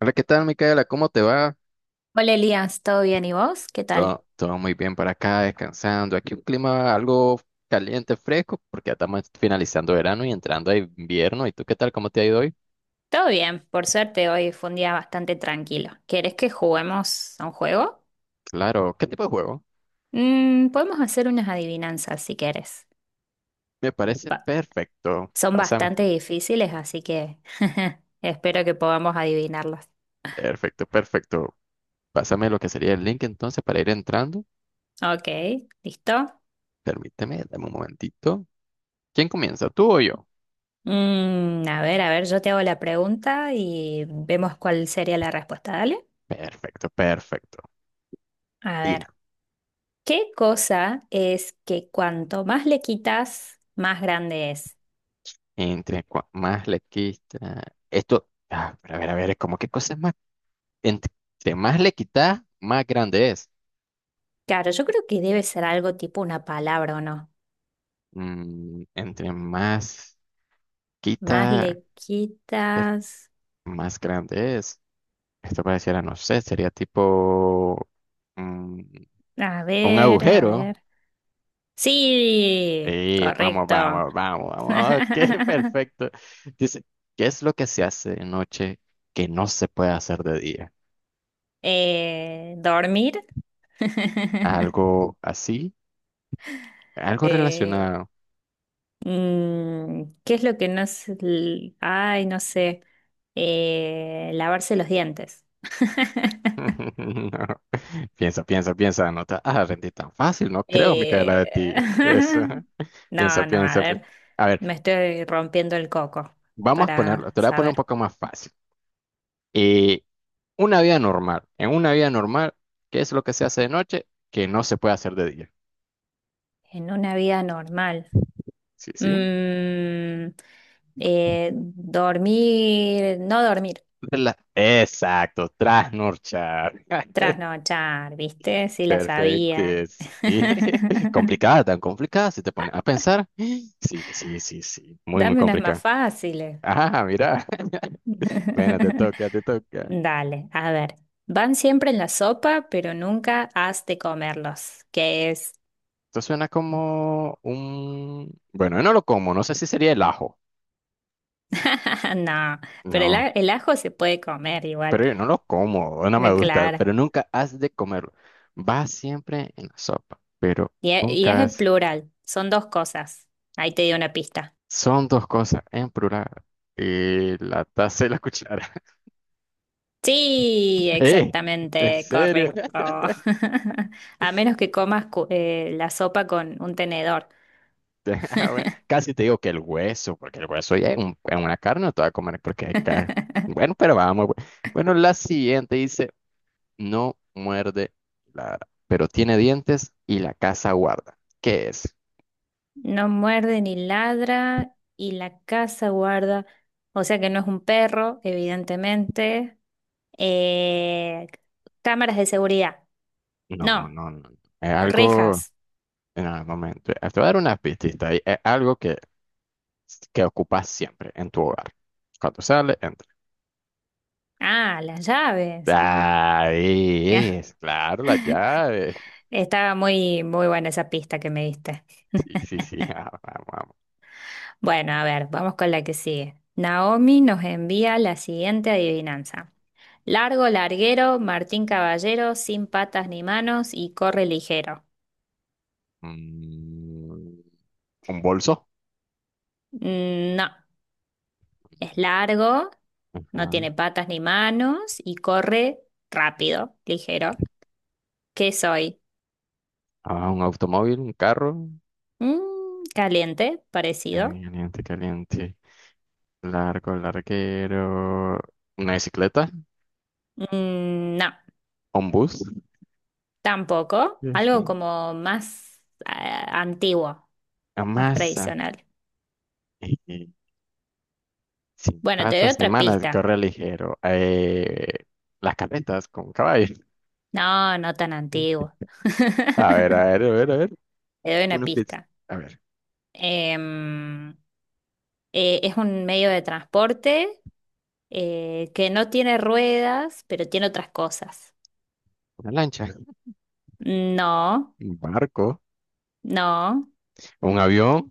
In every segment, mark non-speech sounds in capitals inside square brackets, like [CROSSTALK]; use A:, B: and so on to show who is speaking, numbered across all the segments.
A: Hola, ¿qué tal, Micaela? ¿Cómo te va?
B: Hola Elías, ¿todo bien? ¿Y vos? ¿Qué tal?
A: Todo muy bien por acá, descansando. Aquí un clima algo caliente, fresco, porque ya estamos finalizando verano y entrando a invierno. ¿Y tú qué tal? ¿Cómo te ha ido hoy?
B: Todo bien, por suerte hoy fue un día bastante tranquilo. ¿Querés que juguemos a un juego?
A: Claro, ¿qué tipo de juego?
B: Podemos hacer unas adivinanzas si querés.
A: Me parece
B: Ba-
A: perfecto.
B: son
A: Pásame.
B: bastante difíciles, así que [LAUGHS] espero que podamos adivinarlas.
A: Perfecto, perfecto. Pásame lo que sería el link entonces para ir entrando.
B: Ok, ¿listo?
A: Permíteme, dame un momentito. ¿Quién comienza? ¿Tú o yo?
B: A ver, yo te hago la pregunta y vemos cuál sería la respuesta, dale.
A: Perfecto, perfecto.
B: A
A: Y
B: ver,
A: la-
B: ¿qué cosa es que cuanto más le quitas, más grande es?
A: más le quita. Esto, a ver, es como que cosas más. Entre más le quita, más grande es.
B: Claro, yo creo que debe ser algo tipo una palabra o no.
A: Mm, entre más
B: Más
A: quita,
B: le
A: eh,
B: quitas.
A: más grande es. Esto pareciera, no sé, sería tipo mm,
B: A
A: un
B: ver, a
A: agujero.
B: ver. Sí,
A: Vamos,
B: correcto.
A: vamos, vamos, vamos. Ok, [LAUGHS]
B: [LAUGHS]
A: perfecto. Dice, ¿qué es lo que se hace de noche que no se puede hacer de día?
B: Dormir. [LAUGHS]
A: Algo así, algo
B: Eh,
A: relacionado.
B: ¿qué es lo que no es? Ay, no sé. Lavarse los dientes. [LAUGHS]
A: [LAUGHS] Piensa, piensa, piensa, anota. Ah, rendí tan fácil, no creo, Micaela,
B: Eh,
A: de ti. [LAUGHS] Eso. Ajá.
B: [LAUGHS]
A: Piensa,
B: No, no, a
A: piensa.
B: ver.
A: A ver,
B: Me estoy rompiendo el coco
A: vamos a ponerlo,
B: para
A: te lo voy a poner un
B: saber.
A: poco más fácil. Eh, una vida normal. En una vida normal, ¿qué es lo que se hace de noche que no se puede hacer de día?
B: En una vida normal.
A: Sí, sí.
B: Mm, dormir, no dormir,
A: Exacto, trasnorchar. [LAUGHS]
B: trasnochar, ¿viste? Sí la
A: Perfecto,
B: sabía.
A: sí. [LAUGHS]
B: [LAUGHS]
A: Complicada, tan complicada, si te pones a pensar. Sí, sí, sí, sí. Muy, muy
B: Dame unas más
A: complicada.
B: fáciles.
A: Ah, mira. [LAUGHS] Bueno, te
B: [LAUGHS]
A: toca, te toca.
B: Dale, a ver. Van siempre en la sopa, pero nunca has de comerlos. ¿Qué es? [LAUGHS]
A: Esto suena como un... Bueno, yo no lo como, no sé si sería el ajo.
B: Ah, no, pero
A: No,
B: el ajo se puede comer igual.
A: pero yo no lo como, no me gusta,
B: Claro.
A: pero nunca has de comerlo. Va siempre en la sopa, pero
B: Y, y es
A: nunca
B: en
A: has...
B: plural. Son dos cosas. Ahí te di una pista.
A: Son dos cosas en plural. Y la taza y la cuchara.
B: Sí,
A: [LAUGHS] ¡Eh! ¿En
B: exactamente,
A: serio?
B: correcto. [LAUGHS]
A: [LAUGHS]
B: A menos que comas la sopa con un tenedor.
A: Ah, bueno, casi te digo que el hueso, porque el hueso ya es, es una carne, no te va a comer porque hay carne.
B: [LAUGHS]
A: Bueno, pero vamos. Bueno, la siguiente dice... No muerde, ladra, pero tiene dientes y la casa guarda. ¿Qué es?
B: No muerde ni ladra y la casa guarda. O sea que no es un perro, evidentemente. Eh, cámaras de seguridad.
A: No,
B: No,
A: no, no. Es algo.
B: rejas.
A: En algún momento. Te voy a dar una pistita ahí. Es algo que ocupas siempre en tu hogar. Cuando sale, entra.
B: Ah, las llaves.
A: Ahí es,
B: [LAUGHS]
A: claro, la llave.
B: Estaba muy, muy buena esa pista que me diste.
A: Sí,
B: [LAUGHS]
A: sí, sí. [LAUGHS] Ah, vamos, vamos.
B: Bueno, a ver, vamos con la que sigue. Naomi nos envía la siguiente adivinanza. Largo, larguero, Martín Caballero, sin patas ni manos y corre ligero.
A: Mm, un bolso.
B: Mm, no, es largo, no
A: Ajá.
B: tiene patas ni manos y corre rápido, ligero. ¿Qué soy?
A: Ah, un automóvil, un carro.
B: Mm, caliente,
A: Eh,
B: parecido.
A: Caliente, caliente. Largo, larguero. Una bicicleta.
B: Mm, no,
A: Ombus,
B: tampoco. Algo
A: sí.
B: como más eh, antiguo, más
A: Amasa,
B: tradicional.
A: [LAUGHS] eh, sin
B: Bueno, te doy
A: patas ni
B: otra
A: manos,
B: pista.
A: corre ligero. Las carretas con caballos.
B: No, no tan antiguo.
A: A ver, a
B: [LAUGHS]
A: ver, a ver, a ver.
B: Te doy una
A: Una pizza.
B: pista.
A: A ver,
B: Em, es un medio de transporte que no tiene ruedas, pero tiene otras cosas.
A: una lancha,
B: No,
A: un barco,
B: no,
A: un avión,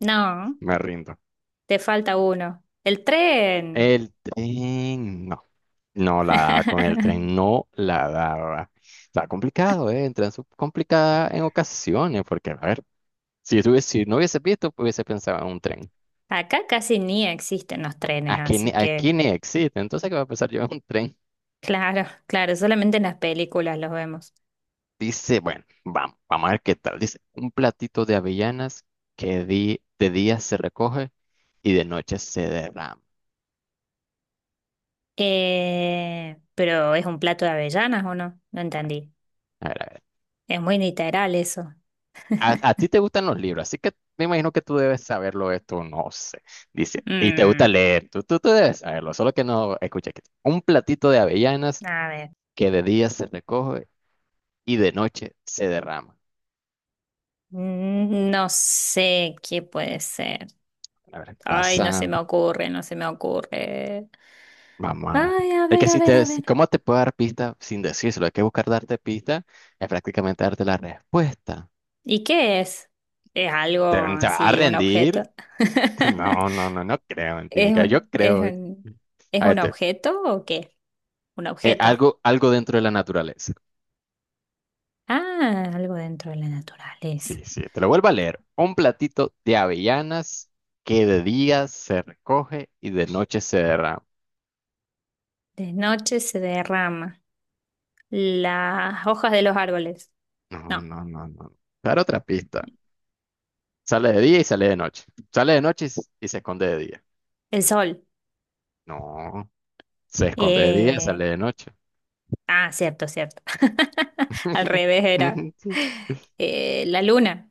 B: no.
A: me rindo.
B: Te falta uno. El tren.
A: El tren, no, no la daba con el tren,
B: [LAUGHS]
A: no la daba. Está complicado, ¿eh? Entra en su complicada en ocasiones, porque, a ver, si, si no hubiese visto, hubiese pensado en un tren.
B: Acá casi ni existen los trenes, así que,
A: Aquí ni existe. Entonces, ¿qué va a pasar? Lleva un tren.
B: claro, claro, solamente en las películas los vemos.
A: Dice, bueno, vamos, vamos a ver qué tal. Dice, un platito de avellanas de día se recoge y de noche se derrama.
B: Pero es un plato de avellanas, ¿o no? No entendí.
A: A ver, a ver.
B: Es muy literal eso.
A: A ti te gustan los libros, así que me imagino que tú debes saberlo esto, no sé. Dice, y te gusta
B: Mm,
A: leer, tú debes saberlo, solo que no escucha aquí. Un platito de avellanas
B: a ver,
A: que de día se recoge y de noche se derrama.
B: mm, no sé qué puede ser.
A: A ver,
B: Ay, no se
A: pasa.
B: me ocurre, no se me ocurre.
A: Vamos, vamos.
B: Ay, a
A: Es
B: ver,
A: que
B: a
A: si
B: ver,
A: te,
B: a ver.
A: ¿cómo te puedo dar pista sin decírselo? Hay que buscar darte pista, es prácticamente darte la respuesta.
B: ¿Y qué es? ¿Es algo
A: ¿Te vas a
B: así, un objeto?
A: rendir?
B: [LAUGHS]
A: No, no, no, no creo en ti,
B: ¿Es,
A: Mica. Yo
B: un- es
A: creo.
B: un, ¿es
A: A ver,
B: un
A: te-
B: objeto o qué? Un objeto.
A: algo, algo dentro de la naturaleza.
B: Ah, algo dentro de la naturaleza.
A: Sí, sí, te lo vuelvo a leer. Un platito de avellanas que de día se recoge y de noche se derrama.
B: De noche se derrama las hojas de los árboles.
A: No,
B: No,
A: no, no, no. Dar otra pista. Sale de día y sale de noche. Sale de noche y se esconde de día.
B: el sol.
A: No. Se esconde de día, sale
B: Eh,
A: de noche.
B: Ah, cierto, cierto. [LAUGHS] Al
A: [LAUGHS]
B: revés era
A: Sí.
B: la luna,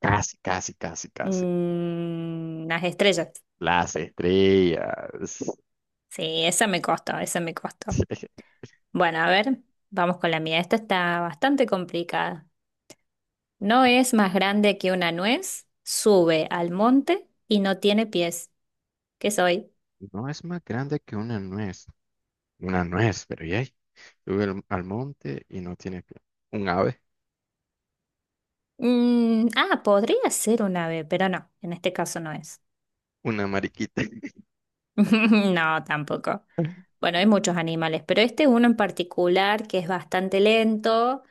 A: Casi, casi, casi, casi.
B: mm, las estrellas.
A: Las estrellas.
B: Sí, esa me costó, esa me costó.
A: [LAUGHS]
B: Bueno, a ver, vamos con la mía. Esta está bastante complicada. No es más grande que una nuez, sube al monte y no tiene pies. ¿Qué soy?
A: No es más grande que una nuez. Una nuez, pero ya. Sube al monte y no tiene pie. Un ave,
B: Mm, ah, podría ser un ave, pero no, en este caso no es.
A: una mariquita, [LAUGHS]
B: [LAUGHS] No, tampoco. Bueno, hay muchos animales, pero este uno en particular que es bastante lento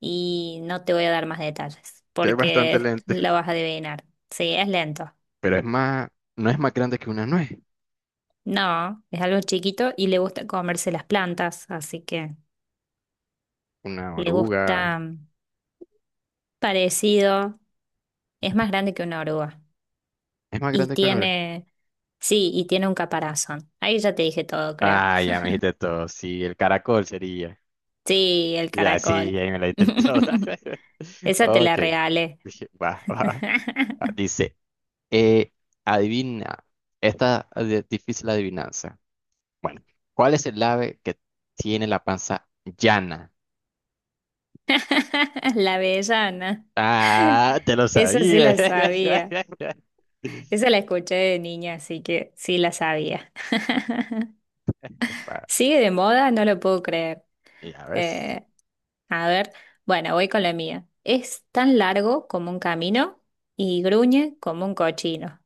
B: y no te voy a dar más detalles
A: que es bastante
B: porque
A: lento.
B: lo vas a adivinar. Sí, es lento.
A: Pero es más, no es más grande que una nuez.
B: No, es algo chiquito y le gusta comerse las plantas, así que
A: Una
B: le gusta
A: oruga.
B: mm, parecido. Es más grande que una oruga
A: Es más
B: y
A: grande que una oruga.
B: tiene, sí, y tiene un caparazón. Ahí ya te dije todo, creo.
A: Ah, ya me dijiste todo. Sí, el caracol sería.
B: Sí, el
A: Ya, sí,
B: caracol.
A: ya me la dijiste toda.
B: [LAUGHS]
A: [LAUGHS]
B: Esa te la
A: Ok.
B: regalé.
A: Dije, va, va.
B: [LAUGHS]
A: Ah, dice, eh, adivina, difícil adivinanza. Bueno, ¿cuál es el ave que tiene la panza llana?
B: La avellana.
A: Ah, te lo
B: Esa sí
A: sabía.
B: la
A: [LAUGHS]
B: sabía. Esa la escuché de niña, así que sí la sabía.
A: Bueno,
B: ¿Sigue de moda? No lo puedo creer.
A: ya ves,
B: Eh, a ver, bueno, voy con la mía. Es tan largo como un camino y gruñe como un cochino.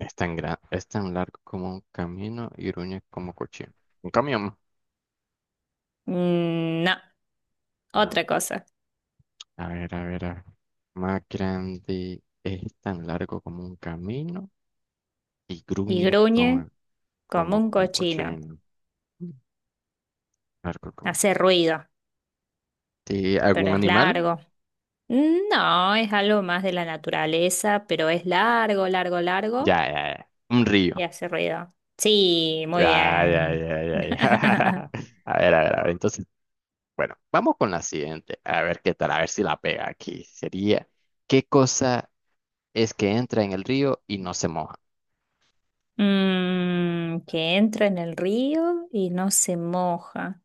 A: es tan largo como un camino y gruñe como cuchillo. Un camión.
B: Mm, no,
A: Ah,
B: otra cosa.
A: a ver, a ver, a ver. Más grande, es tan largo como un camino y
B: Y
A: gruñe
B: gruñe como un
A: como
B: cochino.
A: cochino. Largo como un
B: Hace ruido,
A: sí,
B: pero
A: ¿algún
B: es
A: animal?
B: largo. Mm, no, es algo más de la naturaleza, pero es largo, largo,
A: Ya,
B: largo
A: ya, ya. Un
B: y
A: río.
B: hace ruido. Sí, muy
A: Ya, ya,
B: bien.
A: ya, ya, ya. [LAUGHS]
B: [LAUGHS]
A: A ver, a ver, a ver. Entonces, bueno, vamos con la siguiente. A ver qué tal, a ver si la pega aquí. Sería, ¿qué cosa es que entra en el río y no se moja?
B: Mm, que entra en el río y no se moja.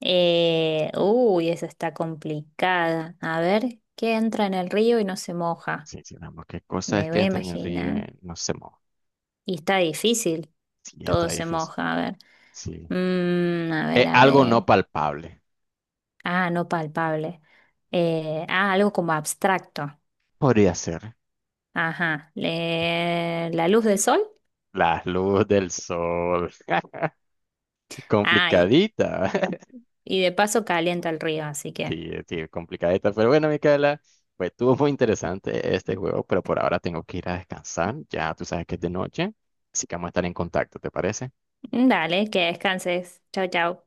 B: Uy, esa está complicada. A ver, ¿qué entra en el río y no se moja?
A: Sí, sí, vamos, ¿qué cosa es
B: Me
A: que
B: voy a
A: entra en el río
B: imaginar.
A: y no se moja?
B: Y está difícil.
A: Sí,
B: Todo
A: está
B: se
A: difícil.
B: moja. A ver.
A: Sí.
B: Mm, a
A: Es
B: ver, a
A: algo
B: ver.
A: no palpable.
B: Ah, no palpable. Ah, algo como abstracto.
A: Podría ser.
B: Ajá. La luz del sol.
A: La luz del sol. [LAUGHS]
B: Ah,
A: Complicadita.
B: y de paso calienta el río, así que.
A: Sí, sí, complicadita. Pero bueno, Micaela, pues estuvo muy interesante este juego, pero por ahora tengo que ir a descansar. Ya tú sabes que es de noche, así que vamos a estar en contacto, ¿te parece?
B: Mm, dale, que descanses. Chau, chau.